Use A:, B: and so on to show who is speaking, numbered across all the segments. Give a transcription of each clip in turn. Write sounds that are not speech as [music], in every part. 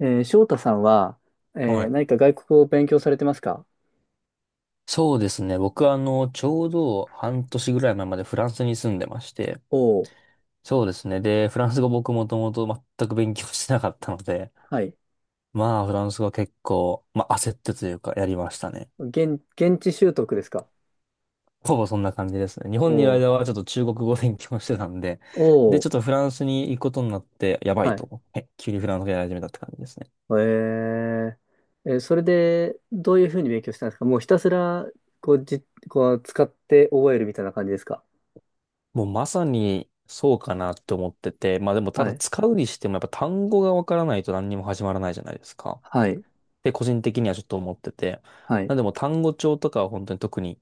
A: 翔太さんは、
B: はい。
A: 何か外国語を勉強されてますか？
B: そうですね。僕はちょうど半年ぐらい前までフランスに住んでまして、
A: おー、
B: そうですね。で、フランス語僕もともと全く勉強してなかったので、
A: はい。
B: まあ、フランス語は結構、まあ、焦ってというか、やりましたね。
A: 現地習得ですか？
B: ほぼそんな感じですね。日本にいる
A: お
B: 間は
A: ー、
B: ちょっと中国語を勉強してたんで、で、
A: お
B: ち
A: ー、
B: ょっとフランスに行くことになって、やば
A: は
B: いと
A: い。
B: 思って、急にフランス語やり始めたって感じですね。
A: えー、それで、どういうふうに勉強したんですか？もうひたすら、こう、じ、こう、使って覚えるみたいな感じですか？
B: もうまさにそうかなって思ってて、まあでもた
A: は
B: だ
A: い。
B: 使うにしてもやっぱ単語がわからないと何にも始まらないじゃないですか。
A: はい。
B: て個人的にはちょっと思ってて。
A: はい。
B: なんでもう単語帳とかは本当に特に、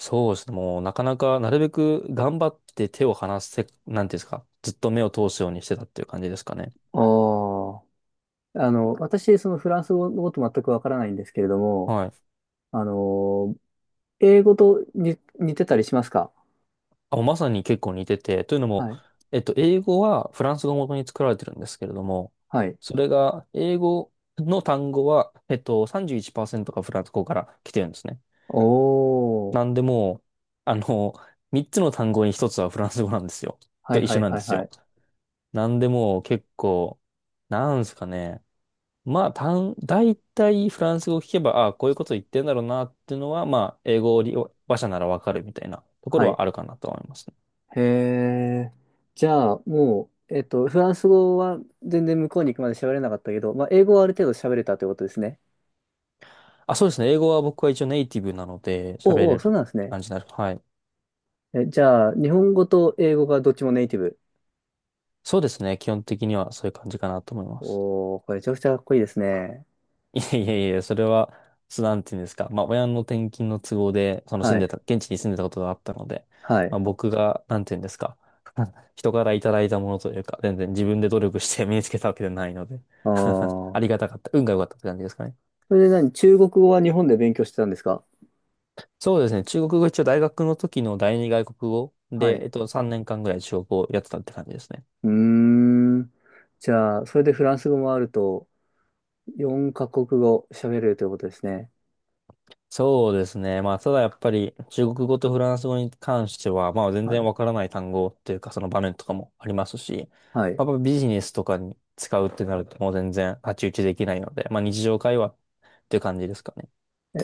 B: そうですね、もうなかなかなるべく頑張って手を離せ、なんていうんですか、ずっと目を通すようにしてたっていう感じですかね。
A: おー。あの、私、そのフランス語のこと全くわからないんですけれども、
B: はい。
A: あのー英語とに似てたりしますか？
B: あ、もうまさに結構似てて、というのも、
A: はい。
B: 英語はフランス語を元に作られてるんですけれども、
A: はい。
B: それが、英語の単語は、31%がフランス語から来てるんですね。
A: おー。
B: なんでもう、あの、3つの単語に1つはフランス語なんですよ。
A: は
B: と
A: い
B: 一
A: は
B: 緒
A: い
B: なん
A: は
B: で
A: い
B: す
A: は
B: よ。
A: い。
B: なんでもう結構、なんすかね。まあ、大体フランス語を聞けば、ああ、こういうこと言ってんだろうなっていうのは、まあ、英語を利用話者ならわかるみたいなとこ
A: は
B: ろ
A: い。
B: はあるかなと思いますね。
A: へえ。じゃあ、もう、えっと、フランス語は全然向こうに行くまで喋れなかったけど、まあ、英語はある程度喋れたということですね。
B: あ、そうですね。英語は僕は一応ネイティブなので喋れ
A: おうお
B: る
A: う、そうなんです
B: って
A: ね。
B: 感じになる。はい。
A: え、じゃあ、日本語と英語がどっちもネイティブ。
B: そうですね。基本的にはそういう感じかなと思います。
A: おーこれめちゃくちゃかっこいいですね。
B: いやいやいや、それは、そうなんていうんですか。まあ、親の転勤の都合で、その住
A: は
B: ん
A: い。
B: でた、現地に住んでたことがあったので、
A: は
B: ま
A: い。
B: あ、僕が、なんていうんですか。[laughs] 人からいただいたものというか、全然自分で努力して身につけたわけではないので
A: あ
B: [laughs] あり
A: ー
B: がたかった。運が良かったって感じですかね。
A: それで何中国語は日本で勉強してたんですか？
B: そうですね。中国語一応大学の時の第二外国語
A: は
B: で、
A: い。
B: 3年間ぐらい中国語をやってたって感じですね。
A: うーん。じゃあ、それでフランス語もあると、4カ国語喋れるということですね。
B: そうですね。まあ、ただやっぱり中国語とフランス語に関しては、まあ全
A: は
B: 然
A: い。
B: わからない単語っていうかその場面とかもありますし、
A: はい。
B: まあ、やっぱビジネスとかに使うってなるともう全然太刀打ちできないので、まあ日常会話っていう感じですかね。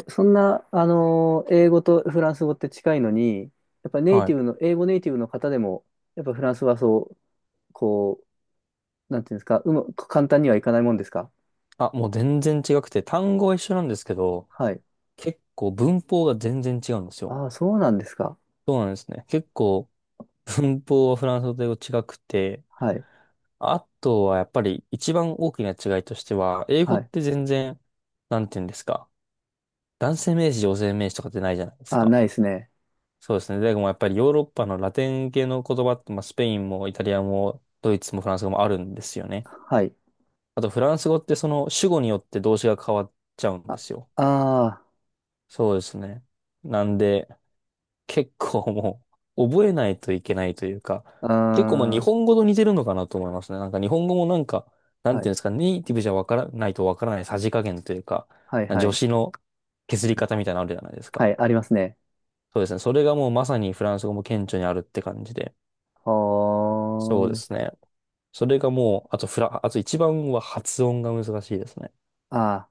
A: そんな、英語とフランス語って近いのに、やっぱネイ
B: は
A: テ
B: い。
A: ィブの、英語ネイティブの方でも、やっぱフランスはそう、こなんていうんですか、うま、簡単にはいかないもんですか？
B: あ、もう全然違くて、単語は一緒なんですけど、
A: はい。
B: 結構文法が全然違うんですよ。
A: ああ、そうなんですか。
B: そうなんですね。結構文法はフランス語と英語違くて、
A: はい。
B: あとはやっぱり一番大きな違いとしては、英語
A: は
B: っ
A: い。
B: て全然、なんていうんですか。男性名詞、女性名詞とかってないじゃないです
A: ああ、
B: か。
A: ないですね。
B: そうですね。でもやっぱりヨーロッパのラテン系の言葉って、まあ、スペインもイタリアもドイツもフランス語もあるんですよね。
A: はい。
B: あとフランス語ってその主語によって動詞が変わっちゃうん
A: あ、
B: ですよ。
A: あ
B: そうですね。なんで結構もう覚えないといけないというか、
A: あ、
B: 結構まあ日
A: あ
B: 本語と似てるのかなと思いますね。なんか日本語もなんか、な
A: ー
B: ん
A: は
B: てい
A: い。
B: うんですか、ネイティブじゃわからないとわからないさじ加減というか、
A: はい、は
B: 助
A: い。
B: 詞の削り方みたいなのあるじゃないです
A: は
B: か。
A: い、ありますね。
B: そうですね。それがもうまさにフランス語も顕著にあるって感じで。
A: ほ
B: そうです
A: ー。
B: ね。それがもう、あとフラ、あと一番は発音が難しいですね。
A: ああ、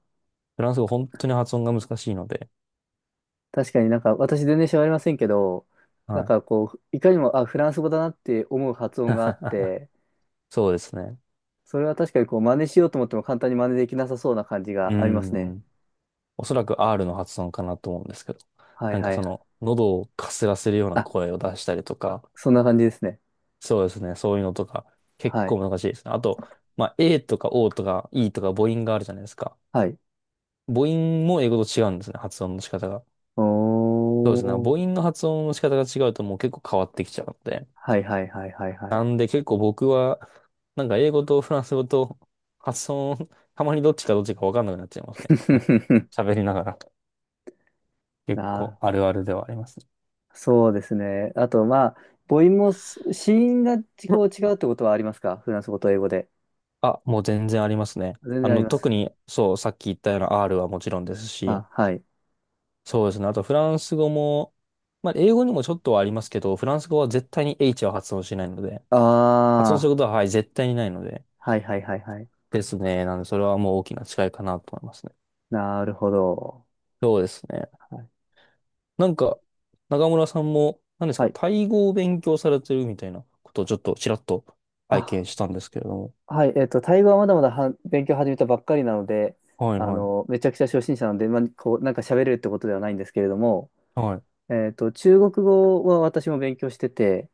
B: フランス語本当に発音が難しいので。
A: 確かになんか、私全然喋れませんけど、な
B: は
A: ん
B: い。
A: かこう、いかにも、あ、フランス語だなって思う発音があっ
B: [laughs]
A: て、
B: そうですね。
A: それは確かにこう真似しようと思っても簡単に真似できなさそうな感じ
B: う
A: がありますね。
B: ん。おそらく R の発音かなと思うんですけど。
A: はい
B: なんか
A: は
B: そ
A: い。
B: の、喉をかすらせるような
A: あ、
B: 声を出したりとか、
A: そんな感じですね。
B: そうですね。そういうのとか、結
A: はい。
B: 構難しいですね。あと、まあ、A とか O とか E とか母音があるじゃないですか。
A: はい。
B: 母音も英語と違うんですね。発音の仕方が。
A: お
B: そうですね。母
A: ー。
B: 音の発音の仕方が違うともう結構変わってきちゃうので。
A: はいはいはいはいはい。
B: なんで結構僕は、なんか英語とフランス語と発音、たまにどっちかどっちかわかんなくなっちゃいますね。[laughs]
A: [laughs]
B: 喋りながら。結
A: あ
B: 構あるあるではありますね。
A: ー、そうですね。あと、まあ、母音もす子音が
B: う
A: こ
B: ん。
A: う違うってことはありますか？フランス語と英語で。
B: あ、もう全然ありますね。
A: 全然ありま
B: 特
A: す。
B: に、そう、さっき言ったような R はもちろんですし、
A: あ、はい。
B: そうですね。あとフランス語も、まあ英語にもちょっとはありますけど、フランス語は絶対に H は発音しないので、発音す
A: あ
B: ることは、はい、絶対にないので、
A: あ、はいはいはいはい。
B: ですね。なんで、それはもう大きな違いかなと思いますね。
A: なるほど。
B: そうですね。
A: はい。
B: なんか、中村さんも、何です
A: は
B: か、
A: い。
B: タイ語を勉強されてるみたいなことをちょっとちらっと拝
A: あ、
B: 見したんですけれども。
A: はい、えっと、タイ語はまだまだは勉強始めたばっかりなので、
B: はい
A: あ
B: はい。
A: の、めちゃくちゃ初心者なので、まあ、こう、なんか喋れるってことではないんですけれども、
B: はい。
A: えっと、中国語は私も勉強してて、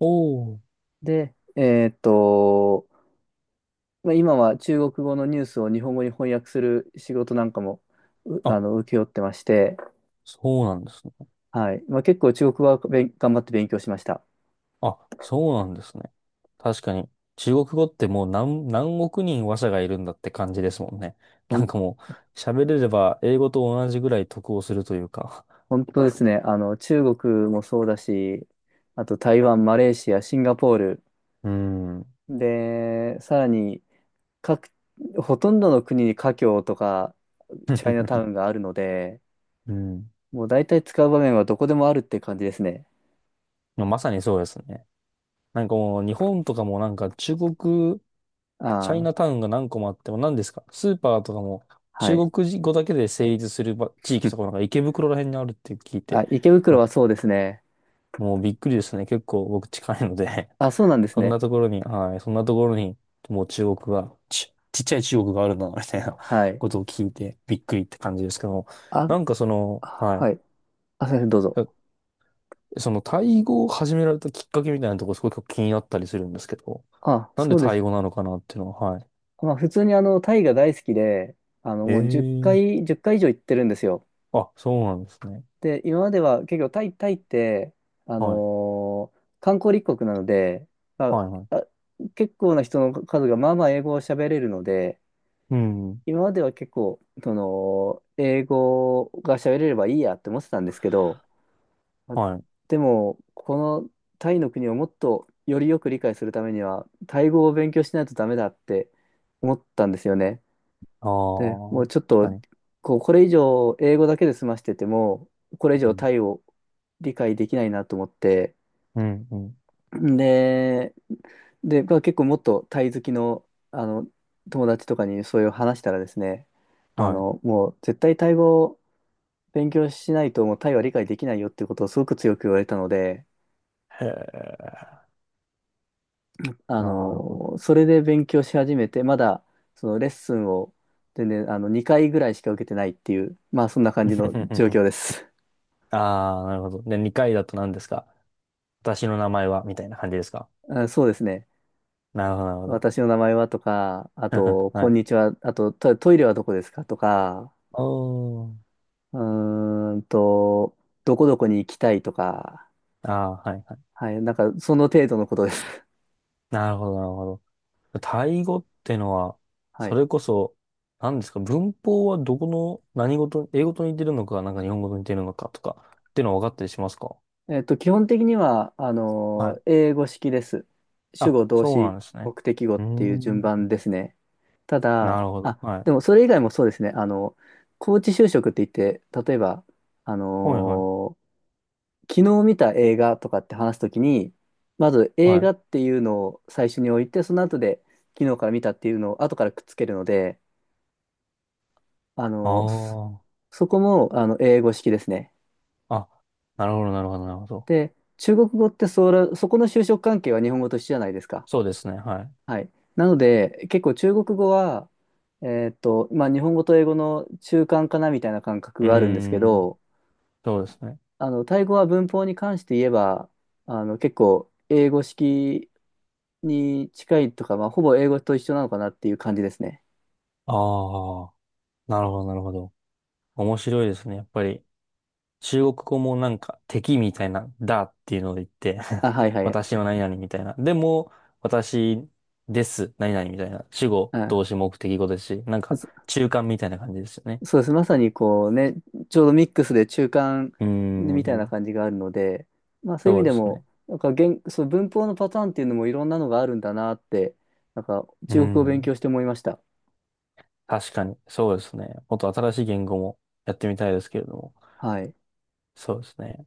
B: おー。
A: で、えっと、まあ、今は中国語のニュースを日本語に翻訳する仕事なんかも、うあ
B: あ、
A: の、請け負ってまして、
B: そうなんですね。
A: はい、まあ、結構中国語は頑張って勉強しました。
B: あ、そうなんですね。確かに、中国語ってもう何億人話者がいるんだって感じですもんね。[laughs]
A: ほ
B: なん
A: ん、
B: かもう、喋れれば英語と同じぐらい得をするというか。
A: 本当ですね、あの、中国もそうだし、あと台湾、マレーシア、シンガポール、
B: [laughs] うーん。
A: で、さらに、各、ほとんどの国に華僑とかチャイナタ
B: [laughs]
A: ウンがあるので、
B: うん。
A: もう大体使う場面はどこでもあるって感じですね。
B: まあまさにそうですね。なんかもう日本とかもなんか中国、チャ
A: あ
B: イ
A: あ、
B: ナタウンが何個もあっても何ですかスーパーとかも
A: は
B: 中
A: い。
B: 国語だけで成立するば地
A: [laughs] う
B: 域と
A: ん
B: かなんか池袋ら辺にあるって聞いて、
A: あ、池袋
B: な
A: はそうですね。
B: もうびっくりですね。結構僕近いので [laughs]
A: あ、そうなんです
B: そん
A: ね。
B: なところに、はい、そんなところにもう中国が、ちっちゃい中国があるんだな、みたいな
A: はい。
B: ことを聞いてびっくりって感じですけども、
A: あ、
B: なんかその、は
A: は
B: い。
A: い。あ、すいません、どうぞ。
B: そのタイ語を始められたきっかけみたいなところすごく気になったりするんですけど、
A: あ、
B: なん
A: そ
B: で
A: うで
B: タイ
A: す。
B: 語なのかなっていうのは、はい。
A: まあ、普通にあの、タイが大好きで、あの、もう1
B: ええ。
A: 回、10回以上行ってるんですよ。
B: あ、そうなんですね。
A: で、今までは結構タイって、あ
B: はい。
A: のー観光立国なので、ま
B: はい、はい。
A: あ、あ、結構な人の数がまあまあ英語を喋れるので、
B: うん。
A: 今までは結構、その、英語が喋れればいいやって思ってたんですけど、まあ
B: はい。
A: でも、このタイの国をもっとよりよく理解するためには、タイ語を勉強しないとダメだって思ったんですよね。
B: あ
A: で、もう
B: あ、
A: ちょっ
B: 確
A: と、
B: かに。
A: こう、これ以上英語だけで済ましてても、これ以
B: う
A: 上
B: ん、
A: タイを理解できないなと思って、
B: うん、うん。
A: で、で、まあ、結構もっとタイ好きの、あの、友達とかにそういう話したらですね、あ
B: はい。
A: の、もう絶対タイ語を勉強しないともうタイは理解できないよっていうことをすごく強く言われたので、
B: へえ、
A: あ
B: なるほど。
A: の、それで勉強し始めて、まだそのレッスンを全然あの2回ぐらいしか受けてないっていう、まあそんな感じの状
B: [laughs]
A: 況です。
B: ああ、なるほど。で、2回だと何ですか？私の名前はみたいな感じですか？
A: あ、そうですね。
B: なるほど、なるほど。
A: 私の名前はとか、あ
B: [laughs]
A: と、
B: は
A: こん
B: い。
A: にちは、あと、イレはどこですかとか、
B: おー。
A: うーんと、どこどこに行きたいとか、
B: ああ、はい、はい。
A: はい、なんか、その程度のことです。[laughs]
B: なるほど、なるほど。タイ語ってのは、
A: は
B: そ
A: い。
B: れこそ、何ですか、文法はどこの何事英語と似てるのか、なんか日本語と似てるのかとか、っていうのは分かったりしますか？
A: えっと、基本的には、あ
B: は
A: の、
B: い。
A: 英語式です。主語、
B: あ、
A: 動
B: そうな
A: 詞、
B: んですね。
A: 目的語っ
B: うー
A: ていう順番
B: ん。
A: ですね。た
B: な
A: だ、
B: るほど。
A: あ、
B: はい。
A: でもそれ以外もそうですね。あの、高知就職って言って、例えば、あ
B: はいはい。
A: の昨日見た映画とかって話すときに、まず
B: は
A: 映
B: い。
A: 画っていうのを最初に置いて、その後で昨日から見たっていうのを後からくっつけるので、あの、
B: あ
A: そこもあの英語式ですね。
B: あ。あ、なるほど、なるほど、なるほど。
A: で、中国語ってそこの就職関係は日本語と一緒じゃないですか。
B: そうですね。はい。
A: はい。なので、結構中国語は、えーっと、まあ日本語と英語の中間かなみたいな感覚
B: うー
A: があるんですけ
B: ん。
A: ど、
B: そうですね。
A: あの、タイ語は文法に関して言えば、あの、結構英語式に近いとか、まあ、ほぼ英語と一緒なのかなっていう感じですね。
B: ああ。なるほど、なるほど。面白いですね。やっぱり。中国語もなんか敵みたいな、だっていうので言って
A: あ、はい
B: [laughs]
A: はい。
B: 私の何々みたいな。でも、私です、何々みたいな。主語、
A: う
B: 動詞、目的語ですし、なん
A: ん、
B: か
A: そ、
B: 中間みたいな感じですよね。
A: そうです。まさにこうね、ちょうどミックスで中間
B: うー
A: みたいな
B: ん、
A: 感じがあるので、まあそういう意
B: そ
A: 味
B: うで
A: で
B: す
A: も、
B: ね。
A: なんか言、そう、文法のパターンっていうのもいろんなのがあるんだなって、なんか
B: うー
A: 中国語を勉
B: ん、
A: 強して思いました。
B: 確かに、そうですね。もっと新しい言語もやってみたいですけれども。
A: はい。
B: そうですね。